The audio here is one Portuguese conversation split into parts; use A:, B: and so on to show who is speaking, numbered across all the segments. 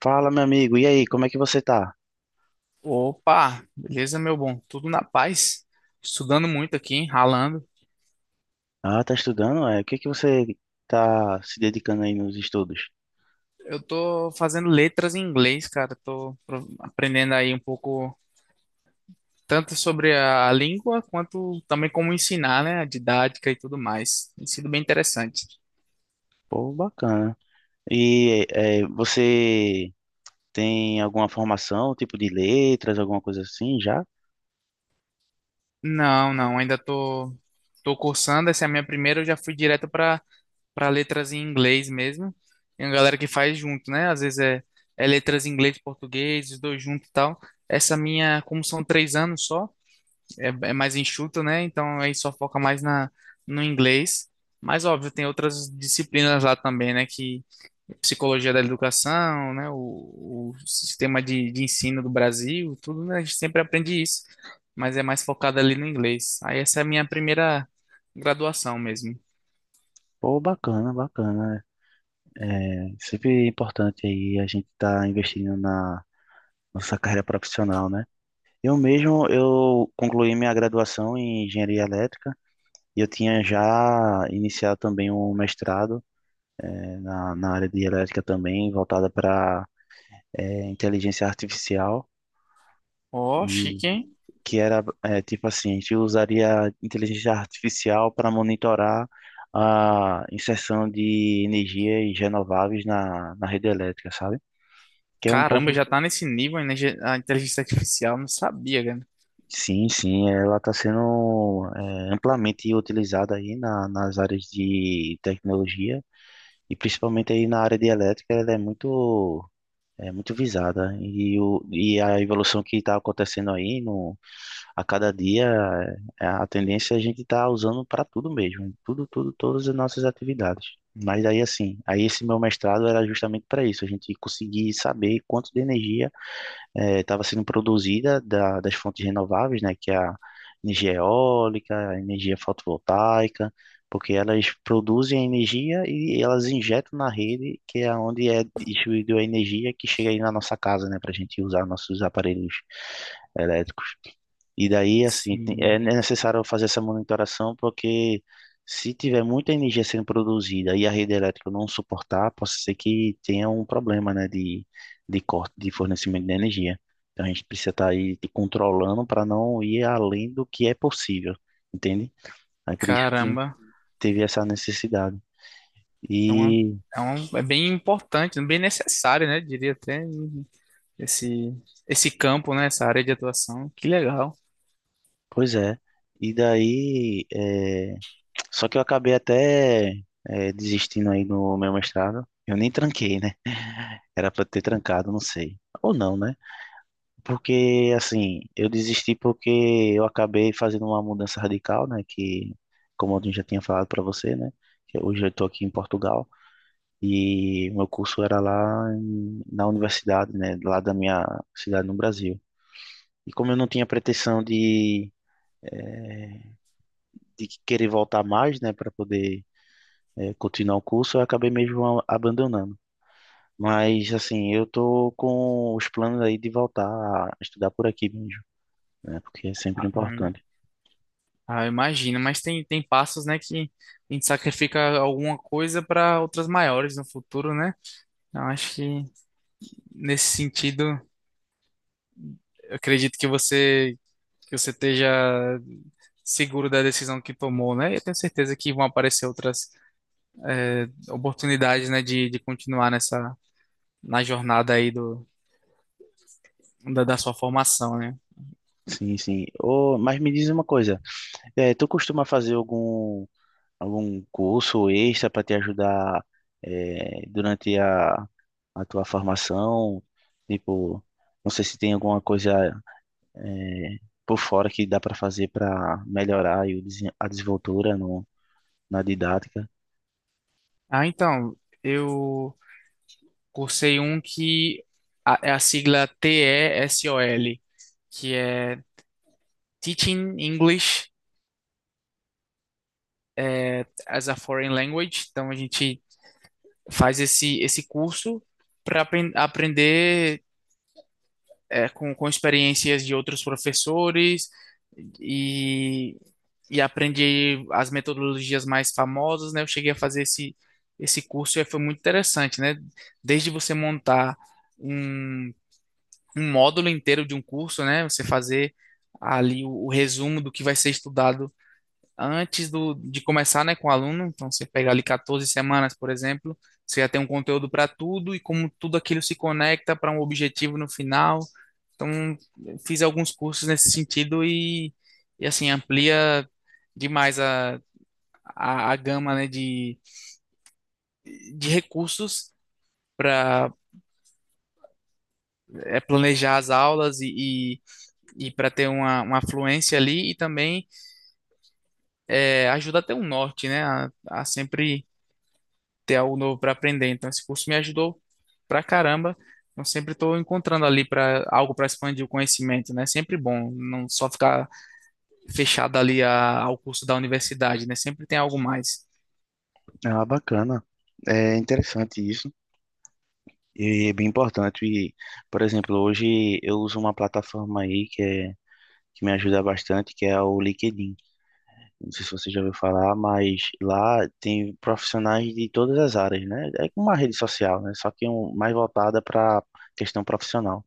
A: Fala, meu amigo. E aí, como é que você tá?
B: Opa, beleza, meu bom? Tudo na paz? Estudando muito aqui, ralando.
A: Ah, tá estudando? O que é que você tá se dedicando aí nos estudos?
B: Eu tô fazendo letras em inglês, cara. Aprendendo aí um pouco, tanto sobre a língua, quanto também como ensinar, né? A didática e tudo mais. Tem sido bem interessante.
A: Pô, bacana. E você tem alguma formação, tipo de letras, alguma coisa assim já?
B: Não, não, ainda tô, tô cursando. Essa é a minha primeira, eu já fui direto para letras em inglês mesmo. Tem uma galera que faz junto, né? Às vezes é letras em inglês e português, os dois juntos e tal. Essa minha, como são três anos só. É mais enxuto, né? Então aí só foca mais no inglês. Mas óbvio, tem outras disciplinas lá também, né? Que psicologia da educação, né? O sistema de ensino do Brasil, tudo, né? A gente sempre aprende isso, mas é mais focado ali no inglês. Aí essa é a minha primeira graduação mesmo.
A: Pô, bacana, bacana. É sempre importante aí a gente tá investindo na nossa carreira profissional, né? Eu mesmo, eu concluí minha graduação em engenharia elétrica e eu tinha já iniciado também um mestrado na área de elétrica também, voltada para inteligência artificial,
B: Ó,
A: e
B: chique, hein?
A: que era tipo assim, a gente usaria inteligência artificial para monitorar a inserção de energias renováveis na rede elétrica, sabe? Que é um
B: Caramba,
A: pouco.
B: já tá nesse nível, né? A inteligência artificial, não sabia, cara.
A: Sim, sim, ela está sendo amplamente utilizada aí nas áreas de tecnologia e principalmente aí na área de elétrica, ela é muito, é muito visada. E a evolução que está acontecendo aí, no, a cada dia, a tendência é a gente estar usando para tudo mesmo, em tudo, tudo, todas as nossas atividades. Mas aí, assim, aí esse meu mestrado era justamente para isso, a gente conseguir saber quanto de energia estava sendo produzida das fontes renováveis, né, que é a energia eólica, a energia fotovoltaica, porque elas produzem a energia e elas injetam na rede, que é onde é distribuída a energia que chega aí na nossa casa, né, para a gente usar nossos aparelhos elétricos. E daí, assim, é
B: Sim.
A: necessário fazer essa monitoração porque se tiver muita energia sendo produzida e a rede elétrica não suportar, pode ser que tenha um problema, né, de corte de fornecimento de energia. Então a gente precisa estar aí te controlando para não ir além do que é possível, entende? Aí por isso que
B: Caramba.
A: teve essa necessidade.
B: Então é, um,
A: E
B: É bem importante, bem necessário, né? Diria até esse, esse campo, né? Essa área de atuação. Que legal.
A: pois é. E daí, só que eu acabei até desistindo aí no meu mestrado. Eu nem tranquei, né? Era pra ter trancado, não sei. Ou não, né? Porque, assim, eu desisti porque eu acabei fazendo uma mudança radical, né? Que, como eu já tinha falado pra você, né? Que hoje eu tô aqui em Portugal e meu curso era na universidade, né? Lá da minha cidade no Brasil. E como eu não tinha pretensão de, eh, de querer voltar mais, né? Pra poder, continuar o curso, eu acabei mesmo abandonando. Mas, assim, eu tô com os planos aí de voltar a estudar por aqui mesmo, né? Porque é sempre
B: Ah, hum,
A: importante.
B: Imagino, mas tem, tem passos, né, que a gente sacrifica alguma coisa para outras maiores no futuro, né? Eu acho que nesse sentido, eu acredito que você esteja seguro da decisão que tomou, né? E eu tenho certeza que vão aparecer outras eh, oportunidades, né, de continuar nessa na jornada aí do da sua formação, né?
A: Sim, sim. Ô, mas me diz uma coisa, tu costuma fazer algum curso extra para te ajudar, durante a tua formação? Tipo, não sei se tem alguma coisa, é, por fora que dá para fazer para melhorar aí o a desenvoltura no, na didática.
B: Ah, então, eu cursei um que é a sigla TESOL que é Teaching English as a Foreign Language. Então, a gente faz esse curso para aprender com experiências de outros professores e, e aprendi as metodologias mais famosas, né? Eu cheguei a fazer esse curso e foi muito interessante, né? Desde você montar um, um módulo inteiro de um curso, né? Você fazer ali o resumo do que vai ser estudado antes do, de começar, né, com o aluno. Então, você pegar ali 14 semanas, por exemplo, você já tem um conteúdo para tudo e como tudo aquilo se conecta para um objetivo no final. Então, fiz alguns cursos nesse sentido e assim, amplia demais a gama, né, de recursos para planejar as aulas e para ter uma fluência ali e também ajuda a ter um norte, né, a sempre ter algo novo para aprender. Então, esse curso me ajudou pra caramba. Eu sempre estou encontrando ali para algo para expandir o conhecimento, né? Sempre bom, não só ficar fechado ali ao curso da universidade, né? Sempre tem algo mais.
A: Ah, bacana. É interessante isso. E é bem importante. E, por exemplo, hoje eu uso uma plataforma aí que me ajuda bastante, que é o LinkedIn. Não sei se você já ouviu falar, mas lá tem profissionais de todas as áreas, né? É como uma rede social, né? Só que um, mais voltada para questão profissional.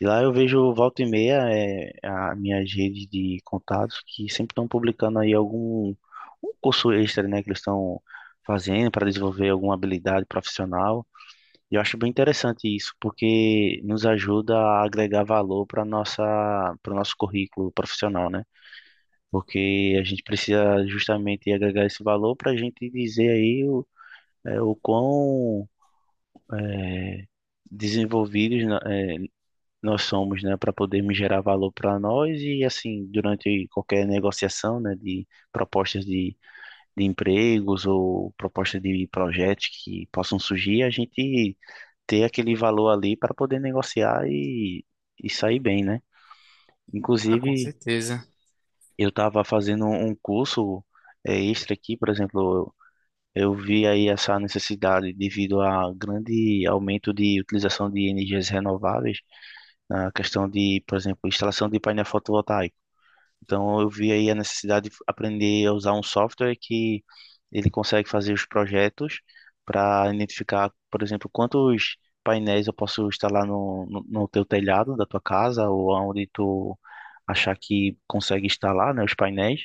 A: E lá eu vejo volta e meia as minhas redes de contatos que sempre estão publicando aí algum um curso extra, né? Que eles estão fazendo para desenvolver alguma habilidade profissional. E eu acho bem interessante isso, porque nos ajuda a agregar valor para nossa, para o nosso currículo profissional, né? Porque a gente precisa justamente agregar esse valor para a gente dizer aí o, o quão desenvolvidos nós somos, né? Para podermos gerar valor para nós e assim, durante qualquer negociação, né? De propostas de empregos ou propostas de projetos que possam surgir, a gente ter aquele valor ali para poder negociar e sair bem, né?
B: Ah, com
A: Inclusive,
B: certeza.
A: eu estava fazendo um curso extra aqui, por exemplo, eu vi aí essa necessidade devido a grande aumento de utilização de energias renováveis na questão de, por exemplo, instalação de painel fotovoltaico. Então eu vi aí a necessidade de aprender a usar um software que ele consegue fazer os projetos para identificar, por exemplo, quantos painéis eu posso instalar no teu telhado da tua casa ou aonde tu achar que consegue instalar, né, os painéis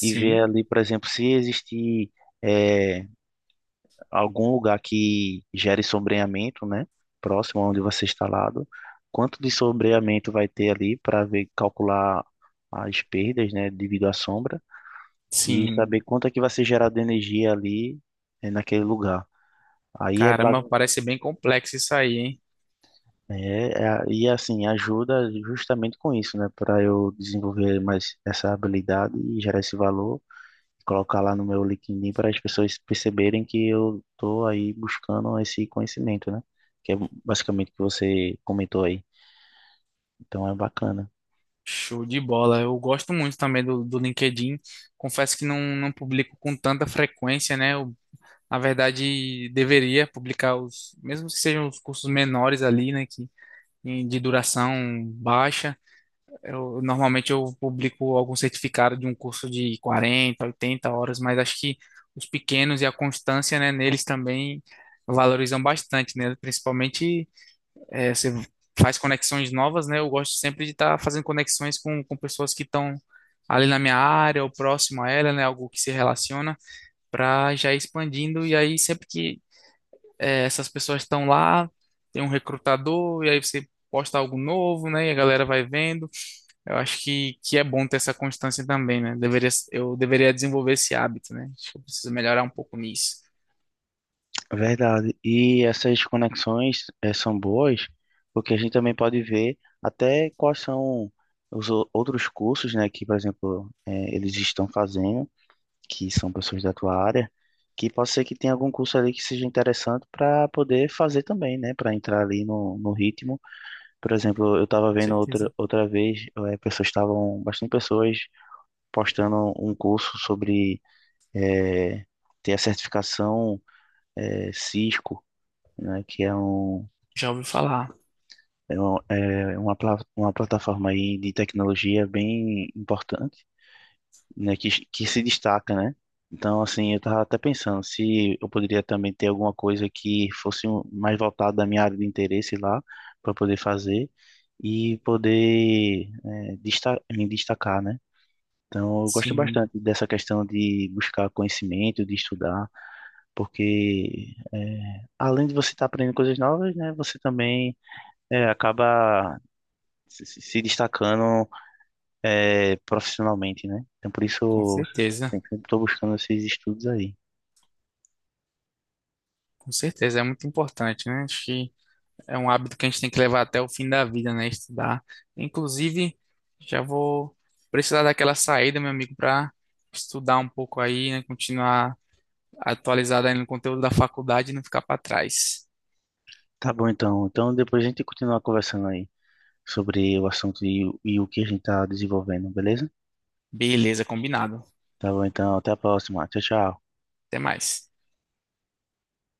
A: e ver ali, por exemplo, se existir eh, algum lugar que gere sombreamento, né? Próximo onde você está instalado. Quanto de sombreamento vai ter ali para ver, calcular as perdas, né, devido à sombra e
B: sim.
A: saber quanto é que vai ser gerado energia ali naquele lugar. Aí é, ba-
B: Caramba, parece bem complexo isso aí, hein?
A: é, é- e assim ajuda justamente com isso, né, para eu desenvolver mais essa habilidade e gerar esse valor, colocar lá no meu LinkedIn para as pessoas perceberem que eu estou aí buscando esse conhecimento, né? Que é basicamente o que você comentou aí. Então é bacana.
B: Show de bola. Eu gosto muito também do LinkedIn. Confesso que não, não publico com tanta frequência, né? Eu, na verdade, deveria publicar os, mesmo que sejam os cursos menores ali, né? De duração baixa. Eu, normalmente eu publico algum certificado de um curso de 40, 80 horas, mas acho que os pequenos e a constância, né, neles também valorizam bastante, né? Principalmente você faz conexões novas, né? Eu gosto sempre de estar fazendo conexões com pessoas que estão ali na minha área ou próximo a ela, né? Algo que se relaciona para já ir expandindo e aí sempre que essas pessoas estão lá, tem um recrutador, e aí você posta algo novo, né? E a galera vai vendo. Eu acho que é bom ter essa constância também, né? Eu deveria desenvolver esse hábito, né? Acho que eu preciso melhorar um pouco nisso,
A: Verdade. E essas conexões são boas porque a gente também pode ver até quais são os outros cursos, né, que, por exemplo, eles estão fazendo, que são pessoas da tua área, que pode ser que tenha algum curso ali que seja interessante para poder fazer também, né, para entrar ali no, no ritmo. Por exemplo, eu estava
B: com
A: vendo
B: certeza.
A: outra vez, pessoas estavam, bastante pessoas postando um curso sobre eh, ter a certificação Cisco, né, que é, um,
B: Já ouvi falar.
A: é, um- é uma, uma plataforma aí de tecnologia bem importante, né, que se destaca, né? Então, assim, eu tava até pensando se eu poderia também ter alguma coisa que fosse mais voltada da minha área de interesse lá, para poder fazer e poder me destacar, né? Então, eu gosto
B: Sim,
A: bastante dessa questão de buscar conhecimento, de estudar, porque além de você estar aprendendo coisas novas, né, você também acaba se destacando profissionalmente, né? Então, por isso,
B: com
A: eu
B: certeza.
A: sempre estou buscando esses estudos aí.
B: Com certeza, é muito importante, né? Acho que é um hábito que a gente tem que levar até o fim da vida, né? Estudar. Inclusive, já vou precisar daquela saída, meu amigo, para estudar um pouco aí, né? Continuar atualizado aí no conteúdo da faculdade e não ficar para trás.
A: Tá bom, então. Então, depois a gente continua conversando aí sobre o assunto e o que a gente tá desenvolvendo, beleza?
B: Beleza, combinado.
A: Tá bom, então. Até a próxima. Tchau, tchau.
B: Até mais.